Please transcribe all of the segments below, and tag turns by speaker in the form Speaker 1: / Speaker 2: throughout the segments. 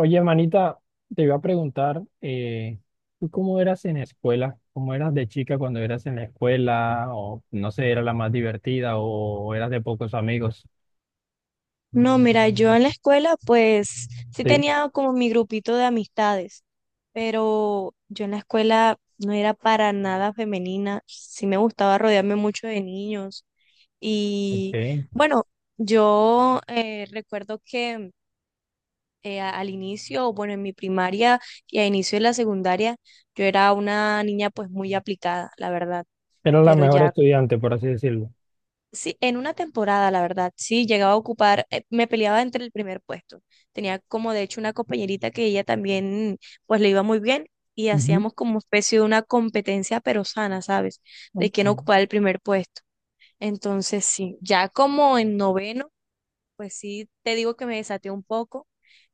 Speaker 1: Oye, manita, te iba a preguntar, ¿tú cómo eras en la escuela? ¿Cómo eras de chica cuando eras en la escuela? O no sé, ¿era la más divertida o eras de pocos amigos?
Speaker 2: No, mira, yo en la escuela pues sí
Speaker 1: Sí,
Speaker 2: tenía como mi grupito de amistades, pero yo en la escuela no era para nada femenina, sí me gustaba rodearme mucho de niños y
Speaker 1: ok.
Speaker 2: bueno, yo recuerdo que al inicio, bueno, en mi primaria y a inicio de la secundaria, yo era una niña pues muy aplicada, la verdad.
Speaker 1: Era la
Speaker 2: pero
Speaker 1: mejor
Speaker 2: ya
Speaker 1: estudiante, por así decirlo.
Speaker 2: sí, en una temporada, la verdad, sí, llegaba a ocupar, me peleaba entre el primer puesto. Tenía como de hecho una compañerita que ella también, pues le iba muy bien y
Speaker 1: Ujú,
Speaker 2: hacíamos como especie de una competencia pero sana, ¿sabes? De quién
Speaker 1: ok.
Speaker 2: ocupaba el primer puesto. Entonces, sí, ya como en noveno, pues sí, te digo que me desaté un poco.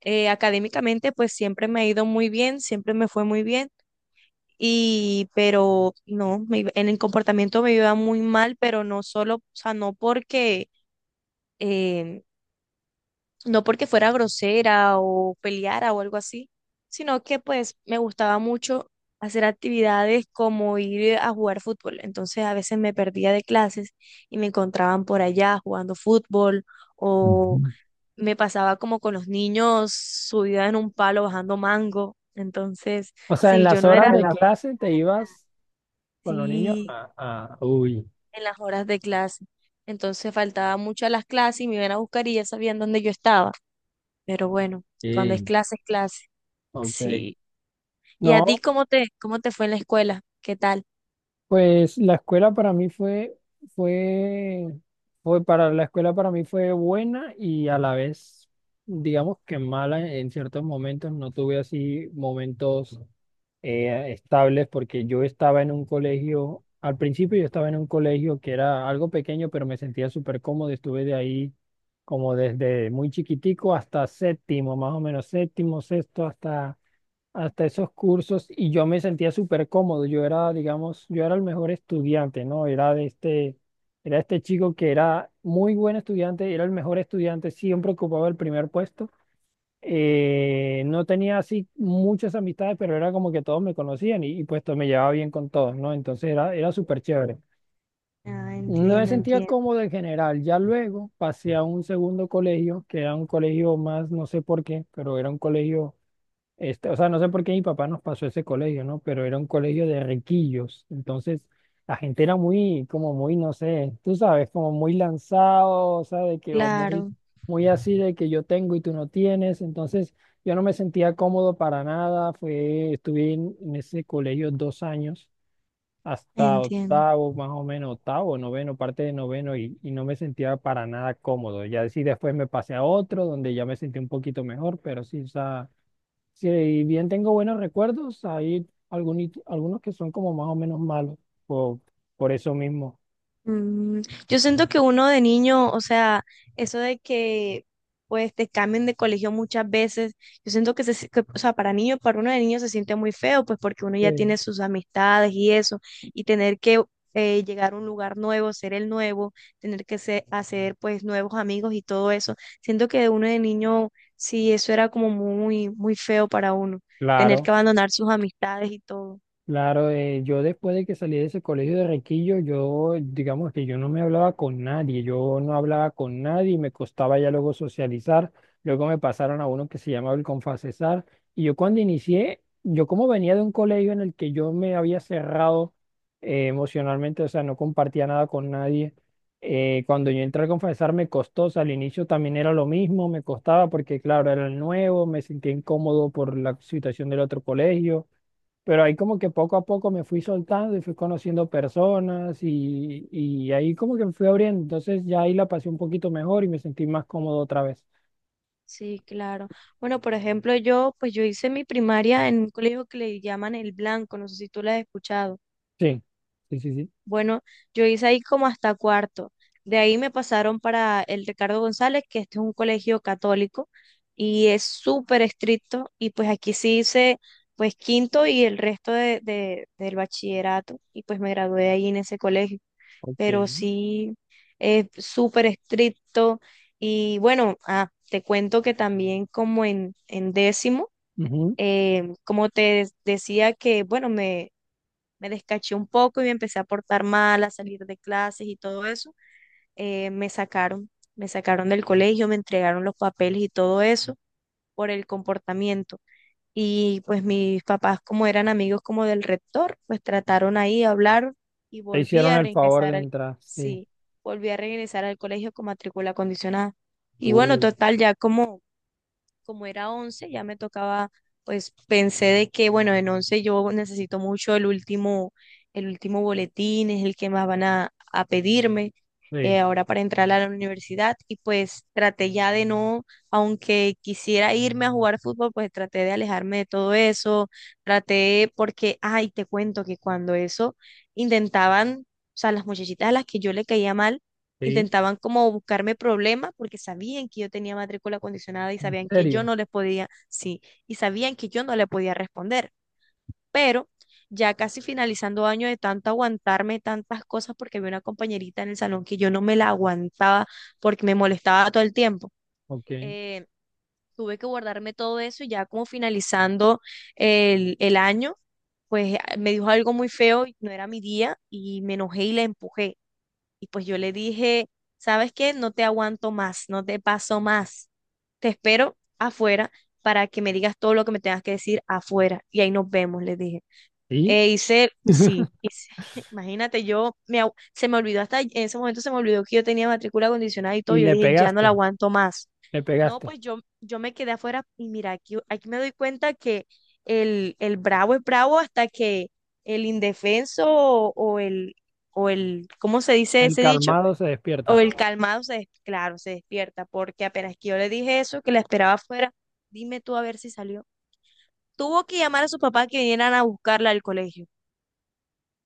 Speaker 2: Académicamente, pues siempre me ha ido muy bien, siempre me fue muy bien. Y, pero no, en el comportamiento me iba muy mal, pero no solo, o sea, no porque eh, no porque fuera grosera o peleara o algo así, sino que pues me gustaba mucho hacer actividades como ir a jugar fútbol. Entonces a veces me perdía de clases y me encontraban por allá jugando fútbol o
Speaker 1: Ujú.
Speaker 2: me pasaba como con los niños subida en un palo bajando mango. Entonces,
Speaker 1: O sea, en
Speaker 2: si yo
Speaker 1: las
Speaker 2: no era
Speaker 1: horas de clase te ibas con los niños
Speaker 2: así
Speaker 1: Uy,
Speaker 2: en las horas de clase, entonces faltaba mucho a las clases y me iban a buscar y ya sabían dónde yo estaba. Pero bueno, cuando es
Speaker 1: sí,
Speaker 2: clase, es clase.
Speaker 1: ok.
Speaker 2: Sí. ¿Y a ti
Speaker 1: No,
Speaker 2: cómo cómo te fue en la escuela? ¿Qué tal?
Speaker 1: pues la escuela para mí fue, fue, fue para la escuela para mí fue buena y a la vez, digamos que mala en ciertos momentos. No tuve así momentos estables porque yo estaba en un colegio, al principio yo estaba en un colegio que era algo pequeño, pero me sentía súper cómodo. Estuve de ahí como desde muy chiquitico hasta séptimo, más o menos séptimo, sexto, hasta esos cursos y yo me sentía súper cómodo. Yo era, digamos, yo era el mejor estudiante, ¿no? Era de este, era este chico que era muy buen estudiante, era el mejor estudiante, siempre ocupaba el primer puesto. No tenía así muchas amistades, pero era como que todos me conocían y pues me llevaba bien con todos, ¿no? Entonces era súper chévere.
Speaker 2: Ah,
Speaker 1: No me
Speaker 2: entiendo,
Speaker 1: sentía
Speaker 2: entiendo.
Speaker 1: cómodo en general. Ya luego pasé a un segundo colegio, que era un colegio más, no sé por qué, pero era un colegio este, o sea, no sé por qué mi papá nos pasó ese colegio, ¿no? Pero era un colegio de riquillos. Entonces, la gente era muy, como muy, no sé, tú sabes, como muy lanzado, o sea, de que, o muy,
Speaker 2: Claro,
Speaker 1: muy así de que yo tengo y tú no tienes. Entonces, yo no me sentía cómodo para nada. Estuve en ese colegio dos años, hasta
Speaker 2: entiendo.
Speaker 1: octavo, más o menos, octavo, noveno, parte de noveno, y no me sentía para nada cómodo. Ya sí, después me pasé a otro, donde ya me sentí un poquito mejor, pero sí, o sea, si bien tengo buenos recuerdos, hay algunos que son como más o menos malos, por, por eso mismo.
Speaker 2: Mm, yo siento que uno de niño, o sea, eso de que pues te cambien de colegio muchas veces, yo siento que, o sea, para niño, para uno de niño se siente muy feo, pues porque uno ya
Speaker 1: Sí.
Speaker 2: tiene sus amistades y eso, y tener que llegar a un lugar nuevo, ser el nuevo, hacer pues nuevos amigos y todo eso, siento que de uno de niño, sí, eso era como muy, muy feo para uno, tener que
Speaker 1: Claro.
Speaker 2: abandonar sus amistades y todo.
Speaker 1: Claro, yo después de que salí de ese colegio de Requillo, yo digamos que yo no me hablaba con nadie, yo no hablaba con nadie, me costaba ya luego socializar, luego me pasaron a uno que se llamaba el Confacesar, y yo cuando inicié, yo como venía de un colegio en el que yo me había cerrado emocionalmente, o sea, no compartía nada con nadie, cuando yo entré al Confacesar me costó, o sea, al inicio también era lo mismo, me costaba porque claro, era el nuevo, me sentía incómodo por la situación del otro colegio, pero ahí como que poco a poco me fui soltando y fui conociendo personas y ahí como que me fui abriendo. Entonces ya ahí la pasé un poquito mejor y me sentí más cómodo otra vez.
Speaker 2: Sí, claro. Bueno, por ejemplo, pues yo hice mi primaria en un colegio que le llaman El Blanco, no sé si tú lo has escuchado.
Speaker 1: Sí, sí, sí, sí.
Speaker 2: Bueno, yo hice ahí como hasta cuarto. De ahí me pasaron para el Ricardo González, que este es un colegio católico y es súper estricto. Y pues aquí sí hice pues quinto y el resto del bachillerato y pues me gradué ahí en ese colegio,
Speaker 1: Ok.
Speaker 2: pero sí es súper estricto. Y bueno, ah, te cuento que también como en décimo,
Speaker 1: Ujú.
Speaker 2: como te decía que, bueno, me descaché un poco y me empecé a portar mal, a salir de clases y todo eso, eh, me sacaron, me sacaron del colegio, me entregaron los papeles y todo eso por el comportamiento. Y pues mis papás, como eran amigos como del rector, pues trataron ahí, de hablar y
Speaker 1: Te
Speaker 2: volví
Speaker 1: hicieron
Speaker 2: a
Speaker 1: el favor
Speaker 2: regresar
Speaker 1: de
Speaker 2: al,
Speaker 1: entrar, sí.
Speaker 2: sí, volví a regresar al colegio con matrícula condicionada. Y bueno,
Speaker 1: Uh,
Speaker 2: total, ya como era 11 ya me tocaba, pues pensé de que, bueno, en 11 yo necesito mucho el último boletín, es el que más van a pedirme
Speaker 1: Sí,
Speaker 2: ahora para entrar a la universidad y pues traté ya de no, aunque quisiera irme a jugar fútbol, pues traté de alejarme de todo eso, traté porque, ay, te cuento que cuando eso intentaban, o sea, las muchachitas a las que yo le caía mal,
Speaker 1: sí.
Speaker 2: intentaban como buscarme problemas porque sabían que yo tenía matrícula condicionada y
Speaker 1: ¿En
Speaker 2: sabían que yo
Speaker 1: serio?
Speaker 2: no les podía, sí, y sabían que yo no le podía responder. Pero ya casi finalizando año de tanto aguantarme tantas cosas porque había una compañerita en el salón que yo no me la aguantaba porque me molestaba todo el tiempo.
Speaker 1: Ok.
Speaker 2: Eh, Tuve que guardarme todo eso y ya como finalizando el año, pues me dijo algo muy feo, y no era mi día y me enojé y la empujé. Y pues yo le dije, ¿sabes qué? No te aguanto más, no te paso más. Te espero afuera para que me digas todo lo que me tengas que decir afuera. Y ahí nos vemos, le dije.
Speaker 1: Sí.
Speaker 2: E hice, sí, hice- imagínate, se me olvidó hasta en ese momento, se me olvidó que yo tenía matrícula condicionada y todo.
Speaker 1: Y
Speaker 2: Yo
Speaker 1: le
Speaker 2: dije, ya no
Speaker 1: pegaste,
Speaker 2: la aguanto más.
Speaker 1: le
Speaker 2: No,
Speaker 1: pegaste.
Speaker 2: pues yo me quedé afuera y mira, aquí me doy cuenta que el bravo es bravo hasta que el indefenso o el, ¿cómo se dice
Speaker 1: El
Speaker 2: ese dicho?
Speaker 1: calmado se
Speaker 2: O
Speaker 1: despierta.
Speaker 2: el calmado claro, se despierta, porque apenas que yo le dije eso, que la esperaba afuera, dime tú a ver si salió. Tuvo que llamar a su papá que vinieran a buscarla al colegio.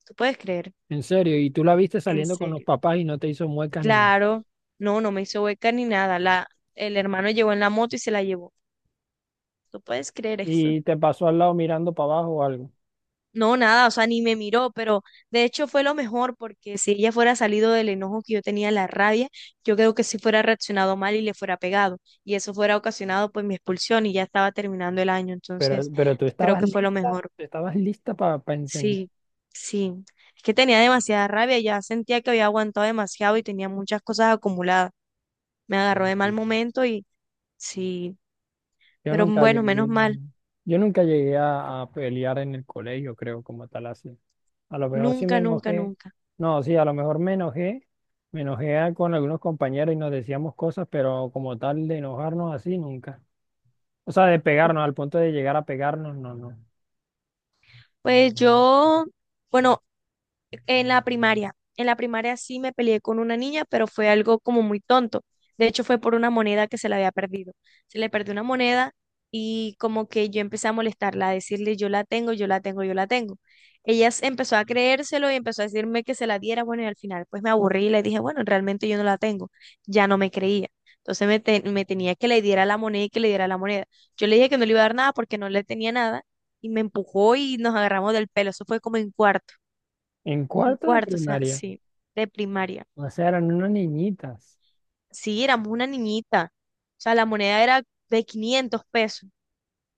Speaker 2: ¿Tú puedes creer?
Speaker 1: En serio, y tú la viste
Speaker 2: En
Speaker 1: saliendo con los
Speaker 2: serio.
Speaker 1: papás y no te hizo muecas ni nada.
Speaker 2: Claro, no, no me hizo hueca ni nada. El hermano llegó en la moto y se la llevó. ¿Tú puedes creer eso?
Speaker 1: Y te pasó al lado mirando para abajo o algo.
Speaker 2: No, nada, o sea, ni me miró, pero de hecho fue lo mejor porque si ella fuera salido del enojo que yo tenía, la rabia, yo creo que sí fuera reaccionado mal y le fuera pegado. Y eso fuera ocasionado pues mi expulsión y ya estaba terminando el año.
Speaker 1: Pero,
Speaker 2: Entonces,
Speaker 1: pero
Speaker 2: creo que fue lo mejor.
Speaker 1: tú estabas lista para encender.
Speaker 2: Sí, sí. Es que tenía demasiada rabia, ya sentía que había aguantado demasiado y tenía muchas cosas acumuladas. Me agarró de mal momento y sí,
Speaker 1: Yo
Speaker 2: pero
Speaker 1: nunca
Speaker 2: bueno, menos
Speaker 1: llegué,
Speaker 2: mal.
Speaker 1: yo nunca llegué a pelear en el colegio, creo, como tal así. A lo mejor sí me
Speaker 2: Nunca, nunca,
Speaker 1: enojé,
Speaker 2: nunca.
Speaker 1: no, sí, a lo mejor me enojé, con algunos compañeros y nos decíamos cosas, pero como tal de enojarnos así nunca. O sea, de pegarnos al punto de llegar a pegarnos, no, no.
Speaker 2: Pues yo... Bueno, en la primaria, en la primaria sí me peleé con una niña, pero fue algo como muy tonto. De hecho, fue por una moneda que se le había perdido. Se le perdió una moneda y como que yo empecé a molestarla, a decirle, yo la tengo, yo la tengo, yo la tengo. Empezó a creérselo y empezó a decirme que se la diera. Bueno, y al final pues me aburrí y le dije, bueno, realmente yo no la tengo. Ya no me creía. Entonces me tenía que le diera la moneda y que le diera la moneda. Yo le dije que no le iba a dar nada porque no le tenía nada y me empujó y nos agarramos del pelo. Eso fue como en cuarto.
Speaker 1: En
Speaker 2: En
Speaker 1: cuarto de
Speaker 2: cuarto, o sea,
Speaker 1: primaria,
Speaker 2: sí, de primaria.
Speaker 1: o sea, eran unas niñitas.
Speaker 2: Sí, éramos una niñita. O sea, la moneda era de 500 pesos.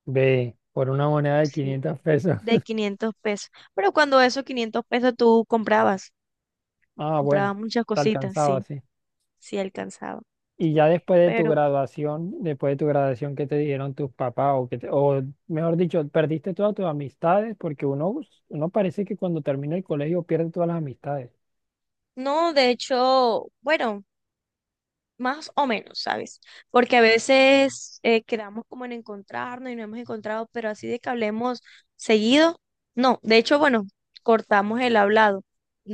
Speaker 1: Ve, por una moneda de
Speaker 2: Sí,
Speaker 1: 500 pesos.
Speaker 2: de 500 pesos. Pero cuando esos 500 pesos tú comprabas,
Speaker 1: Ah, bueno,
Speaker 2: comprabas muchas
Speaker 1: te
Speaker 2: cositas,
Speaker 1: alcanzaba,
Speaker 2: sí,
Speaker 1: sí.
Speaker 2: sí alcanzaba.
Speaker 1: Y ya después de tu
Speaker 2: Pero
Speaker 1: graduación, después de tu graduación, ¿qué te dijeron tus papás? O, o mejor dicho, perdiste todas tus amistades porque uno, uno parece que cuando termina el colegio pierde todas las amistades.
Speaker 2: no, de hecho, bueno, más o menos, ¿sabes? Porque a veces quedamos como en encontrarnos y no hemos encontrado, pero así de que hablemos seguido, no. De hecho, bueno, cortamos el hablado.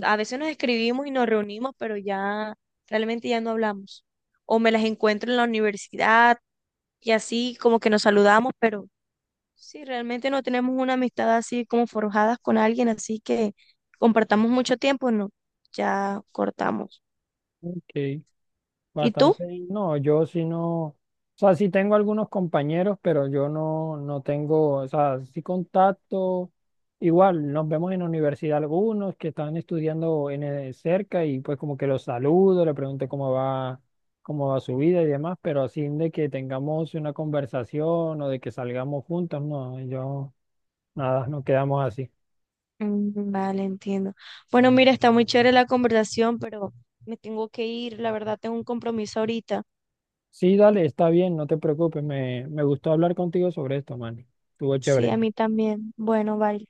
Speaker 2: A veces nos escribimos y nos reunimos, pero ya realmente ya no hablamos. O me las encuentro en la universidad y así como que nos saludamos, pero sí, realmente no tenemos una amistad así como forjadas con alguien, así que compartamos mucho tiempo, no. Ya cortamos.
Speaker 1: Ok.
Speaker 2: ¿Y tú?
Speaker 1: Bastante, bien. No, yo sí no, o sea, sí tengo algunos compañeros, pero yo no tengo, o sea, sí contacto, igual nos vemos en la universidad algunos que están estudiando cerca y pues como que los saludo, le pregunto cómo va su vida y demás, pero así de que tengamos una conversación o de que salgamos juntos, no, yo, nada, no quedamos así.
Speaker 2: Mm, vale, entiendo. Bueno, mira, está muy chévere la conversación, pero me tengo que ir, la verdad, tengo un compromiso ahorita.
Speaker 1: Sí, dale, está bien, no te preocupes, me gustó hablar contigo sobre esto, man, estuvo
Speaker 2: Sí,
Speaker 1: chévere.
Speaker 2: a mí también. Bueno, vale.